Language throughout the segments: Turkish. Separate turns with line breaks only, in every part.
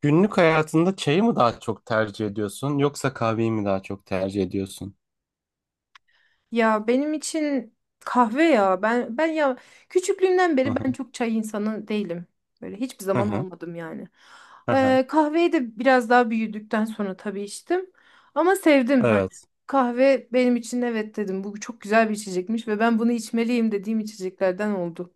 Günlük hayatında çayı mı daha çok tercih ediyorsun yoksa kahveyi mi daha çok tercih ediyorsun?
Ya benim için kahve ya. Ben ya küçüklüğümden
Hı
beri ben
hı,
çok çay insanı değilim. Böyle hiçbir
hı
zaman
hı,
olmadım yani.
hı hı.
Kahveyi de biraz daha büyüdükten sonra tabii içtim. Ama sevdim hani.
Evet.
Kahve benim için evet dedim. Bu çok güzel bir içecekmiş ve ben bunu içmeliyim dediğim içeceklerden oldu.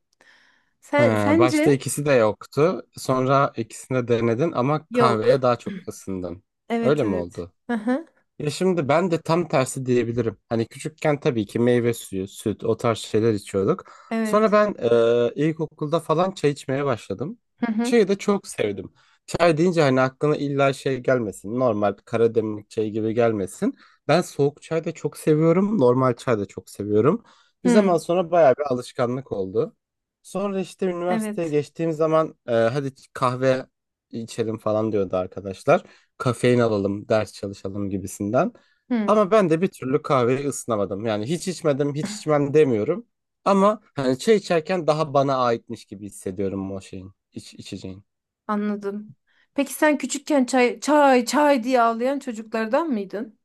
He,
Sen
başta
sence?
ikisi de yoktu. Sonra ikisini de denedin ama kahveye
Yok.
daha çok ısındın.
Evet,
Öyle mi
evet.
oldu?
Hı hı.
Ya şimdi ben de tam tersi diyebilirim. Hani küçükken tabii ki meyve suyu, süt o tarz şeyler içiyorduk. Sonra
Evet.
ben ilkokulda falan çay içmeye başladım.
Hı hı.
Çayı da çok sevdim. Çay deyince hani aklına illa şey gelmesin. Normal Karademlik çayı gibi gelmesin. Ben soğuk çay da çok seviyorum. Normal çay da çok seviyorum. Bir
Hı.
zaman sonra bayağı bir alışkanlık oldu. Sonra işte üniversiteye
Evet.
geçtiğim zaman hadi kahve içelim falan diyordu arkadaşlar, kafein alalım, ders çalışalım gibisinden.
Hı.
Ama ben de bir türlü kahveyi ısınamadım. Yani hiç içmedim, hiç içmem demiyorum. Ama hani çay içerken daha bana aitmiş gibi hissediyorum o şeyin, içeceğin.
Anladım. Peki sen küçükken çay çay çay diye ağlayan çocuklardan mıydın?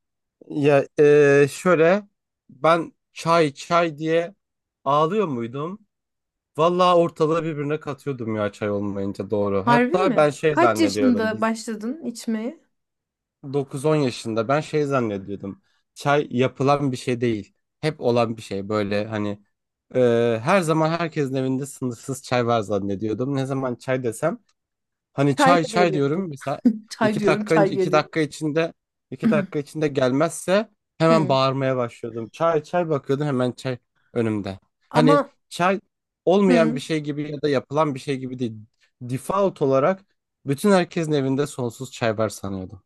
Ya şöyle ben çay çay diye ağlıyor muydum? Vallahi ortalığı birbirine katıyordum ya çay olmayınca, doğru.
Harbi
Hatta
mi?
ben şey
Kaç
zannediyordum.
yaşında başladın içmeye?
9-10 yaşında ben şey zannediyordum. Çay yapılan bir şey değil. Hep olan bir şey böyle, hani e, her zaman herkesin evinde sınırsız çay var zannediyordum. Ne zaman çay desem, hani
Çay
çay
mı
çay
geliyordu?
diyorum mesela,
Çay
iki
diyorum,
dakika
çay
iki
geliyor.
dakika içinde 2 dakika içinde gelmezse hemen
Hı.
bağırmaya başlıyordum. Çay çay bakıyordum hemen çay önümde. Hani
Ama
çay olmayan bir
hı.
şey gibi ya da yapılan bir şey gibi değil. Default olarak bütün herkesin evinde sonsuz çay var sanıyordum.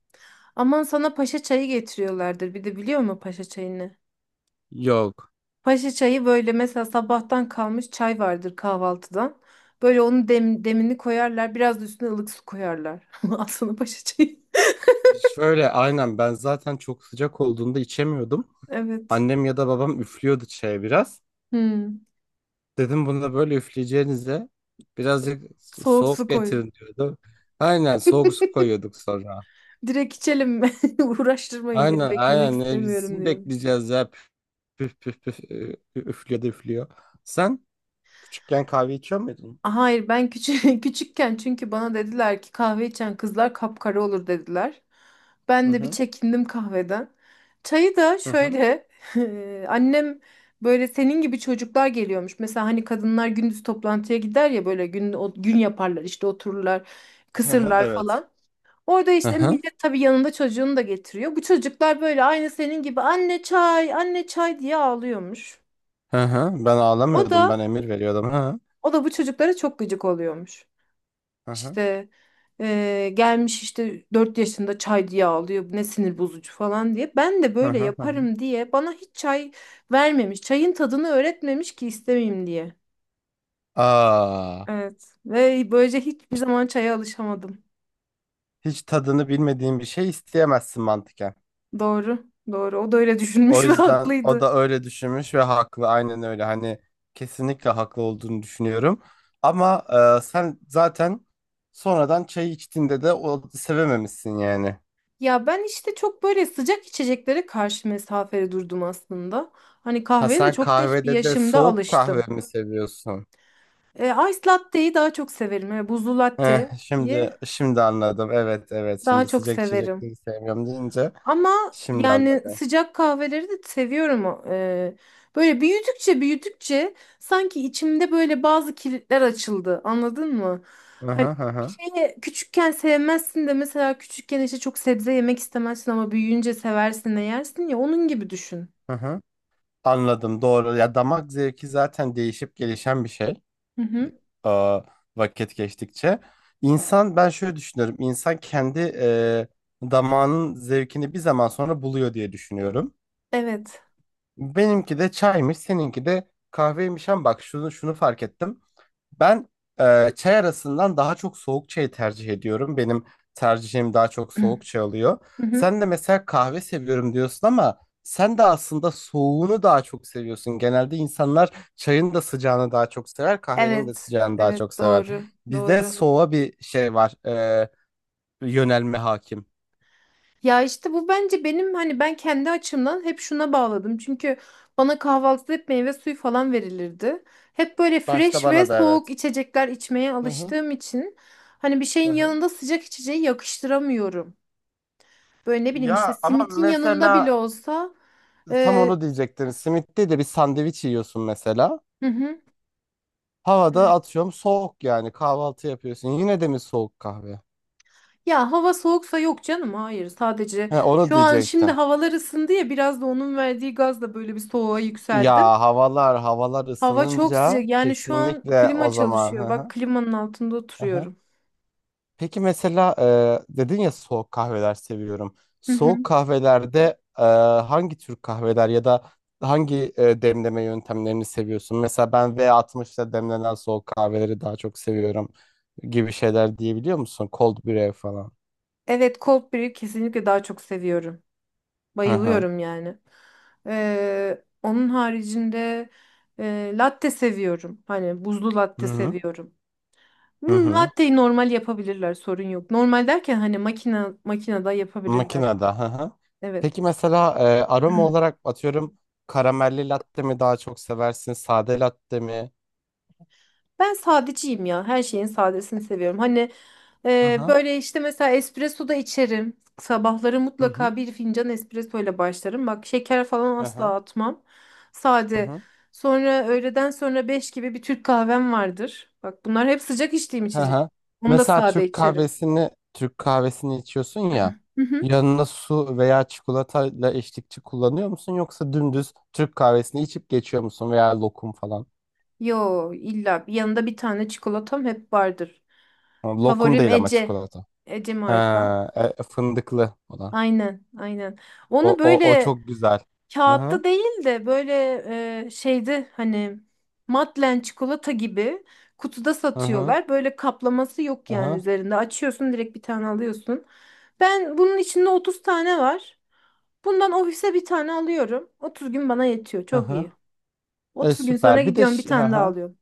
Aman sana paşa çayı getiriyorlardır. Bir de biliyor musun paşa çayını?
Yok.
Paşa çayı böyle mesela sabahtan kalmış çay vardır kahvaltıdan. Böyle onun demini koyarlar. Biraz da üstüne ılık su koyarlar. Al sana paşa çayı.
Şöyle, aynen, ben zaten çok sıcak olduğunda içemiyordum.
Evet.
Annem ya da babam üflüyordu çaya biraz.
Hı.
Dedim bunu da böyle üfleyeceğinize birazcık
Soğuk su
soğuk
koy.
getirin diyordu. Aynen, soğuk su koyuyorduk sonra.
Direkt içelim mi? Uğraştırmayın beni,
Aynen
beklemek
aynen, ne
istemiyorum
bizim
diyorum.
bekleyeceğiz ya, püf püf püf, püf, üflüyor da üflüyor. Sen küçükken kahve içiyor muydun?
Hayır, ben küçük küçükken çünkü bana dediler ki kahve içen kızlar kapkara olur dediler.
Hı
Ben de bir
hı
çekindim kahveden. Çayı da
hı hı.
şöyle annem böyle senin gibi çocuklar geliyormuş. Mesela hani kadınlar gündüz toplantıya gider ya böyle gün gün yaparlar işte otururlar,
Hı hı,
kısırlar
evet.
falan. Orada
Hı
işte
hı
millet tabii yanında çocuğunu da getiriyor. Bu çocuklar böyle aynı senin gibi anne çay, anne çay diye ağlıyormuş.
hı hı. Ben
O
ağlamıyordum,
da
ben emir veriyordum. Hı
o da bu çocuklara çok gıcık oluyormuş.
hı
İşte gelmiş işte 4 yaşında çay diye ağlıyor. Ne sinir bozucu falan diye. Ben de
hı
böyle
hı hı. Hı. Hı.
yaparım diye bana hiç çay vermemiş. Çayın tadını öğretmemiş ki istemeyeyim diye.
Aa.
Evet. Ve böylece hiçbir zaman çaya alışamadım.
Hiç tadını bilmediğin bir şey isteyemezsin, mantıken.
Doğru. Doğru. O da öyle
O
düşünmüş ve
yüzden o
haklıydı.
da öyle düşünmüş ve haklı. Aynen öyle. Hani kesinlikle haklı olduğunu düşünüyorum. Ama sen zaten sonradan çay içtiğinde de o sevememişsin yani.
Ya ben işte çok böyle sıcak içeceklere karşı mesafeli durdum aslında. Hani
Ha,
kahveye de
sen
çok geç bir
kahvede de
yaşımda
soğuk
alıştım.
kahve mi seviyorsun?
E, ice latte'yi daha çok severim. Yani buzlu
Eh,
latte'yi
şimdi anladım. Evet evet.
daha
Şimdi,
çok
sıcak
severim.
içecekleri sevmiyorum deyince
Ama
şimdi
yani
anladım.
sıcak kahveleri de seviyorum. O. E, böyle büyüdükçe büyüdükçe sanki içimde böyle bazı kilitler açıldı. Anladın mı?
Hı
Hani
hı hı
bir
hı.
şeyi küçükken sevmezsin de mesela küçükken işte çok sebze yemek istemezsin ama büyüyünce seversin de yersin ya, onun gibi düşün.
Hı hı. Anladım, doğru. Ya damak zevki zaten değişip gelişen bir şey.
Hı hı.
Aa, vakit geçtikçe. İnsan, ben şöyle düşünüyorum. İnsan kendi damağının zevkini bir zaman sonra buluyor diye düşünüyorum.
Evet.
Benimki de çaymış, seninki de kahveymiş, ama bak şunu fark ettim. Ben çay arasından daha çok soğuk çayı tercih ediyorum. Benim tercihim daha çok soğuk çay oluyor.
Hı hı.
Sen de mesela kahve seviyorum diyorsun, ama sen de aslında soğuğunu daha çok seviyorsun. Genelde insanlar çayın da sıcağını daha çok sever, kahvenin de
Evet.
sıcağını daha çok
Evet,
sever.
doğru.
Bizde
Doğru.
soğuğa bir şey var, yönelme hakim.
Ya işte bu bence benim hani ben kendi açımdan hep şuna bağladım. Çünkü bana kahvaltıda hep meyve suyu falan verilirdi. Hep böyle
Başta
fresh ve
bana da
soğuk
evet.
içecekler içmeye
Hı hı,
alıştığım için hani bir
hı
şeyin
hı.
yanında sıcak içeceği yakıştıramıyorum. Böyle ne bileyim işte
Ya ama
simitin yanında bile
mesela
olsa
tam
e,
onu diyecektin. Simit'te de bir sandviç yiyorsun mesela.
hı hı.
Havada
Evet.
atıyorum, soğuk yani, kahvaltı yapıyorsun. Yine de mi soğuk kahve?
Ya hava soğuksa yok canım, hayır, sadece
He, onu
şu an, şimdi
diyecektim.
havalar ısındı ya, biraz da onun verdiği gazla böyle bir soğuğa yükseldim.
Ya havalar
Hava çok
ısınınca
sıcak. Yani şu an
kesinlikle,
klima
o zaman.
çalışıyor.
Hı
Bak
hı,
klimanın altında
hı hı.
oturuyorum.
Peki mesela dedin ya soğuk kahveler seviyorum.
Hı
Soğuk
hı.
kahvelerde hangi tür kahveler ya da hangi demleme yöntemlerini seviyorsun? Mesela ben V60'da demlenen soğuk kahveleri daha çok seviyorum gibi şeyler diyebiliyor musun? Cold brew falan.
Evet, cold brew kesinlikle daha çok seviyorum.
Hı hı.
Bayılıyorum yani. Onun haricinde latte seviyorum. Hani buzlu
Hı
latte
hı.
seviyorum.
Hı
Hmm,
hı.
latteyi normal yapabilirler, sorun yok. Normal derken hani makinede yapabilirler.
Makinede. Hı hı.
Evet.
Peki mesela aroma olarak atıyorum, karamelli latte mi daha çok seversin? Sade latte mi?
Ben sadeciyim ya. Her şeyin sadesini seviyorum. Hani
Hı hı.
böyle işte mesela espresso da içerim. Sabahları
Hı hı.
mutlaka bir fincan espresso ile başlarım. Bak şeker falan
Hı hı.
asla atmam.
Hı
Sade.
hı.
Sonra öğleden sonra 5 gibi bir Türk kahvem vardır. Bak bunlar hep sıcak içtiğim
Hı
içecek.
hı.
Onu da
Mesela
sade
Türk
içerim.
kahvesini Türk kahvesini içiyorsun ya,
Hı hı.
yanına su veya çikolatayla eşlikçi kullanıyor musun, yoksa dümdüz Türk kahvesini içip geçiyor musun, veya lokum falan?
Yo, illa yanında bir tane çikolatam hep vardır.
Ha, lokum
Favorim
değil ama
Ece.
çikolata.
Ece marka.
Ha, fındıklı olan.
Aynen, aynen.
O,
Onu
o, o
böyle
çok güzel. Hı hı.
kağıtta değil de böyle şeydi hani, Madlen çikolata gibi kutuda
Hı hı.
satıyorlar. Böyle kaplaması yok
Hı
yani
hı.
üzerinde. Açıyorsun, direkt bir tane alıyorsun. Ben bunun içinde 30 tane var. Bundan ofise bir tane alıyorum. 30 gün bana yetiyor.
Hı
Çok
hı.
iyi. 30 gün sonra
Süper. Bir de
gidiyorum, bir
hı
tane daha
hı.
alıyorum.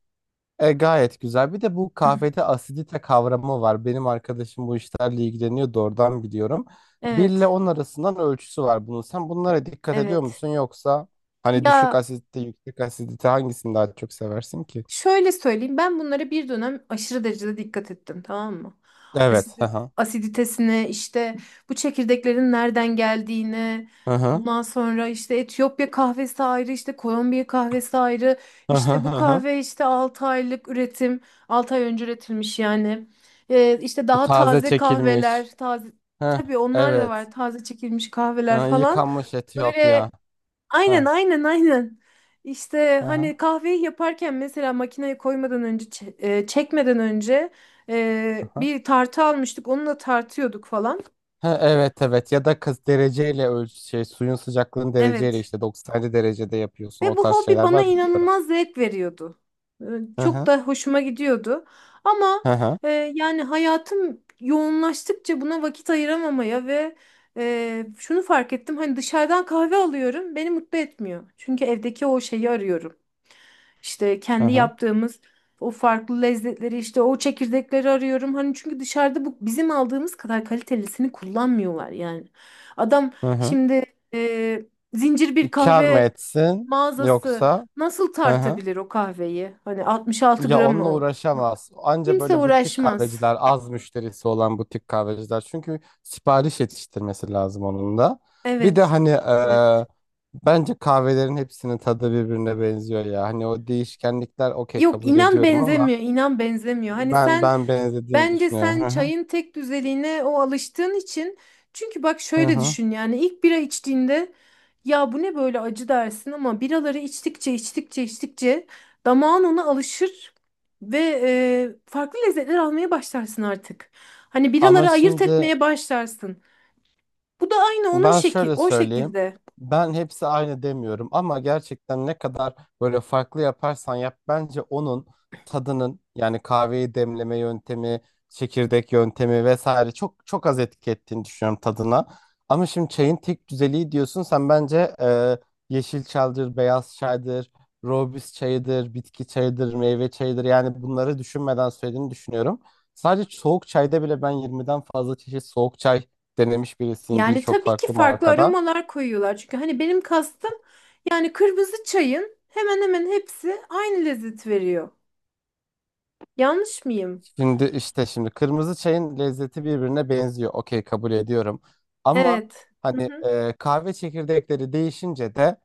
Gayet güzel. Bir de bu kahvede asidite kavramı var. Benim arkadaşım bu işlerle ilgileniyordu. Oradan biliyorum. 1 ile
Evet.
10 arasından ölçüsü var bunun. Sen bunlara dikkat ediyor
Evet.
musun, yoksa hani düşük
Ya,
asidite, yüksek asidite, hangisini daha çok seversin ki?
şöyle söyleyeyim, ben bunlara bir dönem aşırı derecede dikkat ettim, tamam mı?
Evet. Hı hı.
Asiditesine işte bu çekirdeklerin nereden geldiğine,
Hı hı.
ondan sonra işte Etiyopya kahvesi ayrı, işte Kolombiya kahvesi ayrı,
Hı hı
işte
hı
bu
hı.
kahve işte 6 aylık üretim, 6 ay önce üretilmiş yani, işte daha
Taze
taze
çekilmiş.
kahveler, taze
Hı.
tabii onlar da
Evet.
var, taze çekilmiş
Hı,
kahveler falan.
yıkanmış Etiyopya.
Böyle aynen,
Hı
aynen, aynen. İşte
hı.
hani kahveyi yaparken mesela makineye koymadan önce çekmeden önce
Hı.
bir tartı almıştık, onunla tartıyorduk falan.
Ha, evet evet, ya da kız dereceyle ölç, şey, suyun sıcaklığını dereceyle,
Evet.
işte 97 derecede yapıyorsun,
Ve
o
bu
tarz
hobi
şeyler
bana
var, biliyorum.
inanılmaz zevk veriyordu. Ee,
Hı
Çok
hı
da hoşuma gidiyordu. Ama
hı hı
yani hayatım yoğunlaştıkça buna vakit ayıramamaya ve şunu fark ettim. Hani dışarıdan kahve alıyorum, beni mutlu etmiyor. Çünkü evdeki o şeyi arıyorum. İşte
hı
kendi
hı.
yaptığımız o farklı lezzetleri, işte o çekirdekleri arıyorum. Hani çünkü dışarıda bu bizim aldığımız kadar kalitelisini kullanmıyorlar yani. Adam
Hı hı.
şimdi e, zincir bir
Kar mı
kahve
etsin,
mağazası
yoksa,
nasıl
hı hı.
tartabilir o kahveyi? Hani 66
Ya
gram
onunla
o.
uğraşamaz. Anca
Kimse
böyle butik
uğraşmaz.
kahveciler, az müşterisi olan butik kahveciler, çünkü sipariş yetiştirmesi lazım onun da. Bir de
Evet,
hani
evet.
bence kahvelerin hepsinin tadı birbirine benziyor ya. Hani o değişkenlikler, okey,
Yok,
kabul
inan
ediyorum, ama
benzemiyor, inan benzemiyor. Hani
Ben
sen,
ben benzediğini
bence
düşünüyorum.
sen
Hı hı.
çayın tek düzeliğine o alıştığın için, çünkü bak
Hı
şöyle
hı.
düşün, yani ilk bira içtiğinde ya bu ne böyle acı dersin, ama biraları içtikçe, içtikçe, içtikçe damağın ona alışır ve farklı lezzetler almaya başlarsın artık. Hani
Ama
biraları ayırt
şimdi,
etmeye başlarsın. Bu da aynı onun
ben şöyle
o
söyleyeyim.
şekilde.
Ben hepsi aynı demiyorum, ama gerçekten ne kadar böyle farklı yaparsan yap, bence onun tadının, yani kahveyi demleme yöntemi, çekirdek yöntemi vesaire, çok çok az etki ettiğini düşünüyorum tadına. Ama şimdi çayın tek düzeliği diyorsun sen, bence yeşil çaydır, beyaz çaydır, rooibos çayıdır, bitki çayıdır, meyve çayıdır, yani bunları düşünmeden söylediğini düşünüyorum. Sadece soğuk çayda bile ben 20'den fazla çeşit soğuk çay denemiş birisiyim,
Yani
birçok
tabii ki
farklı
farklı
markada.
aromalar koyuyorlar. Çünkü hani benim kastım yani kırmızı çayın hemen hemen hepsi aynı lezzet veriyor. Yanlış mıyım?
Şimdi kırmızı çayın lezzeti birbirine benziyor. Okey, kabul ediyorum. Ama
Evet. Hı
hani
hı.
kahve çekirdekleri değişince de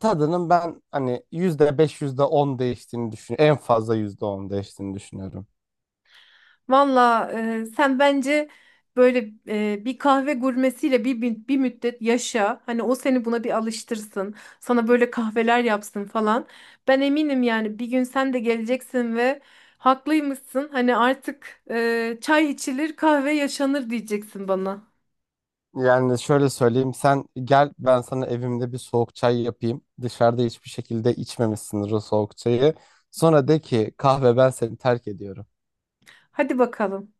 tadının, ben hani %5 yüzde on değiştiğini düşünüyorum. En fazla %10 değiştiğini düşünüyorum.
Valla sen bence böyle bir kahve gurmesiyle bir müddet yaşa. Hani o seni buna bir alıştırsın. Sana böyle kahveler yapsın falan. Ben eminim yani bir gün sen de geleceksin ve haklıymışsın. Hani artık çay içilir, kahve yaşanır diyeceksin bana.
Yani şöyle söyleyeyim, sen gel ben sana evimde bir soğuk çay yapayım. Dışarıda hiçbir şekilde içmemişsindir o soğuk çayı. Sonra de ki kahve, ben seni terk ediyorum.
Hadi bakalım.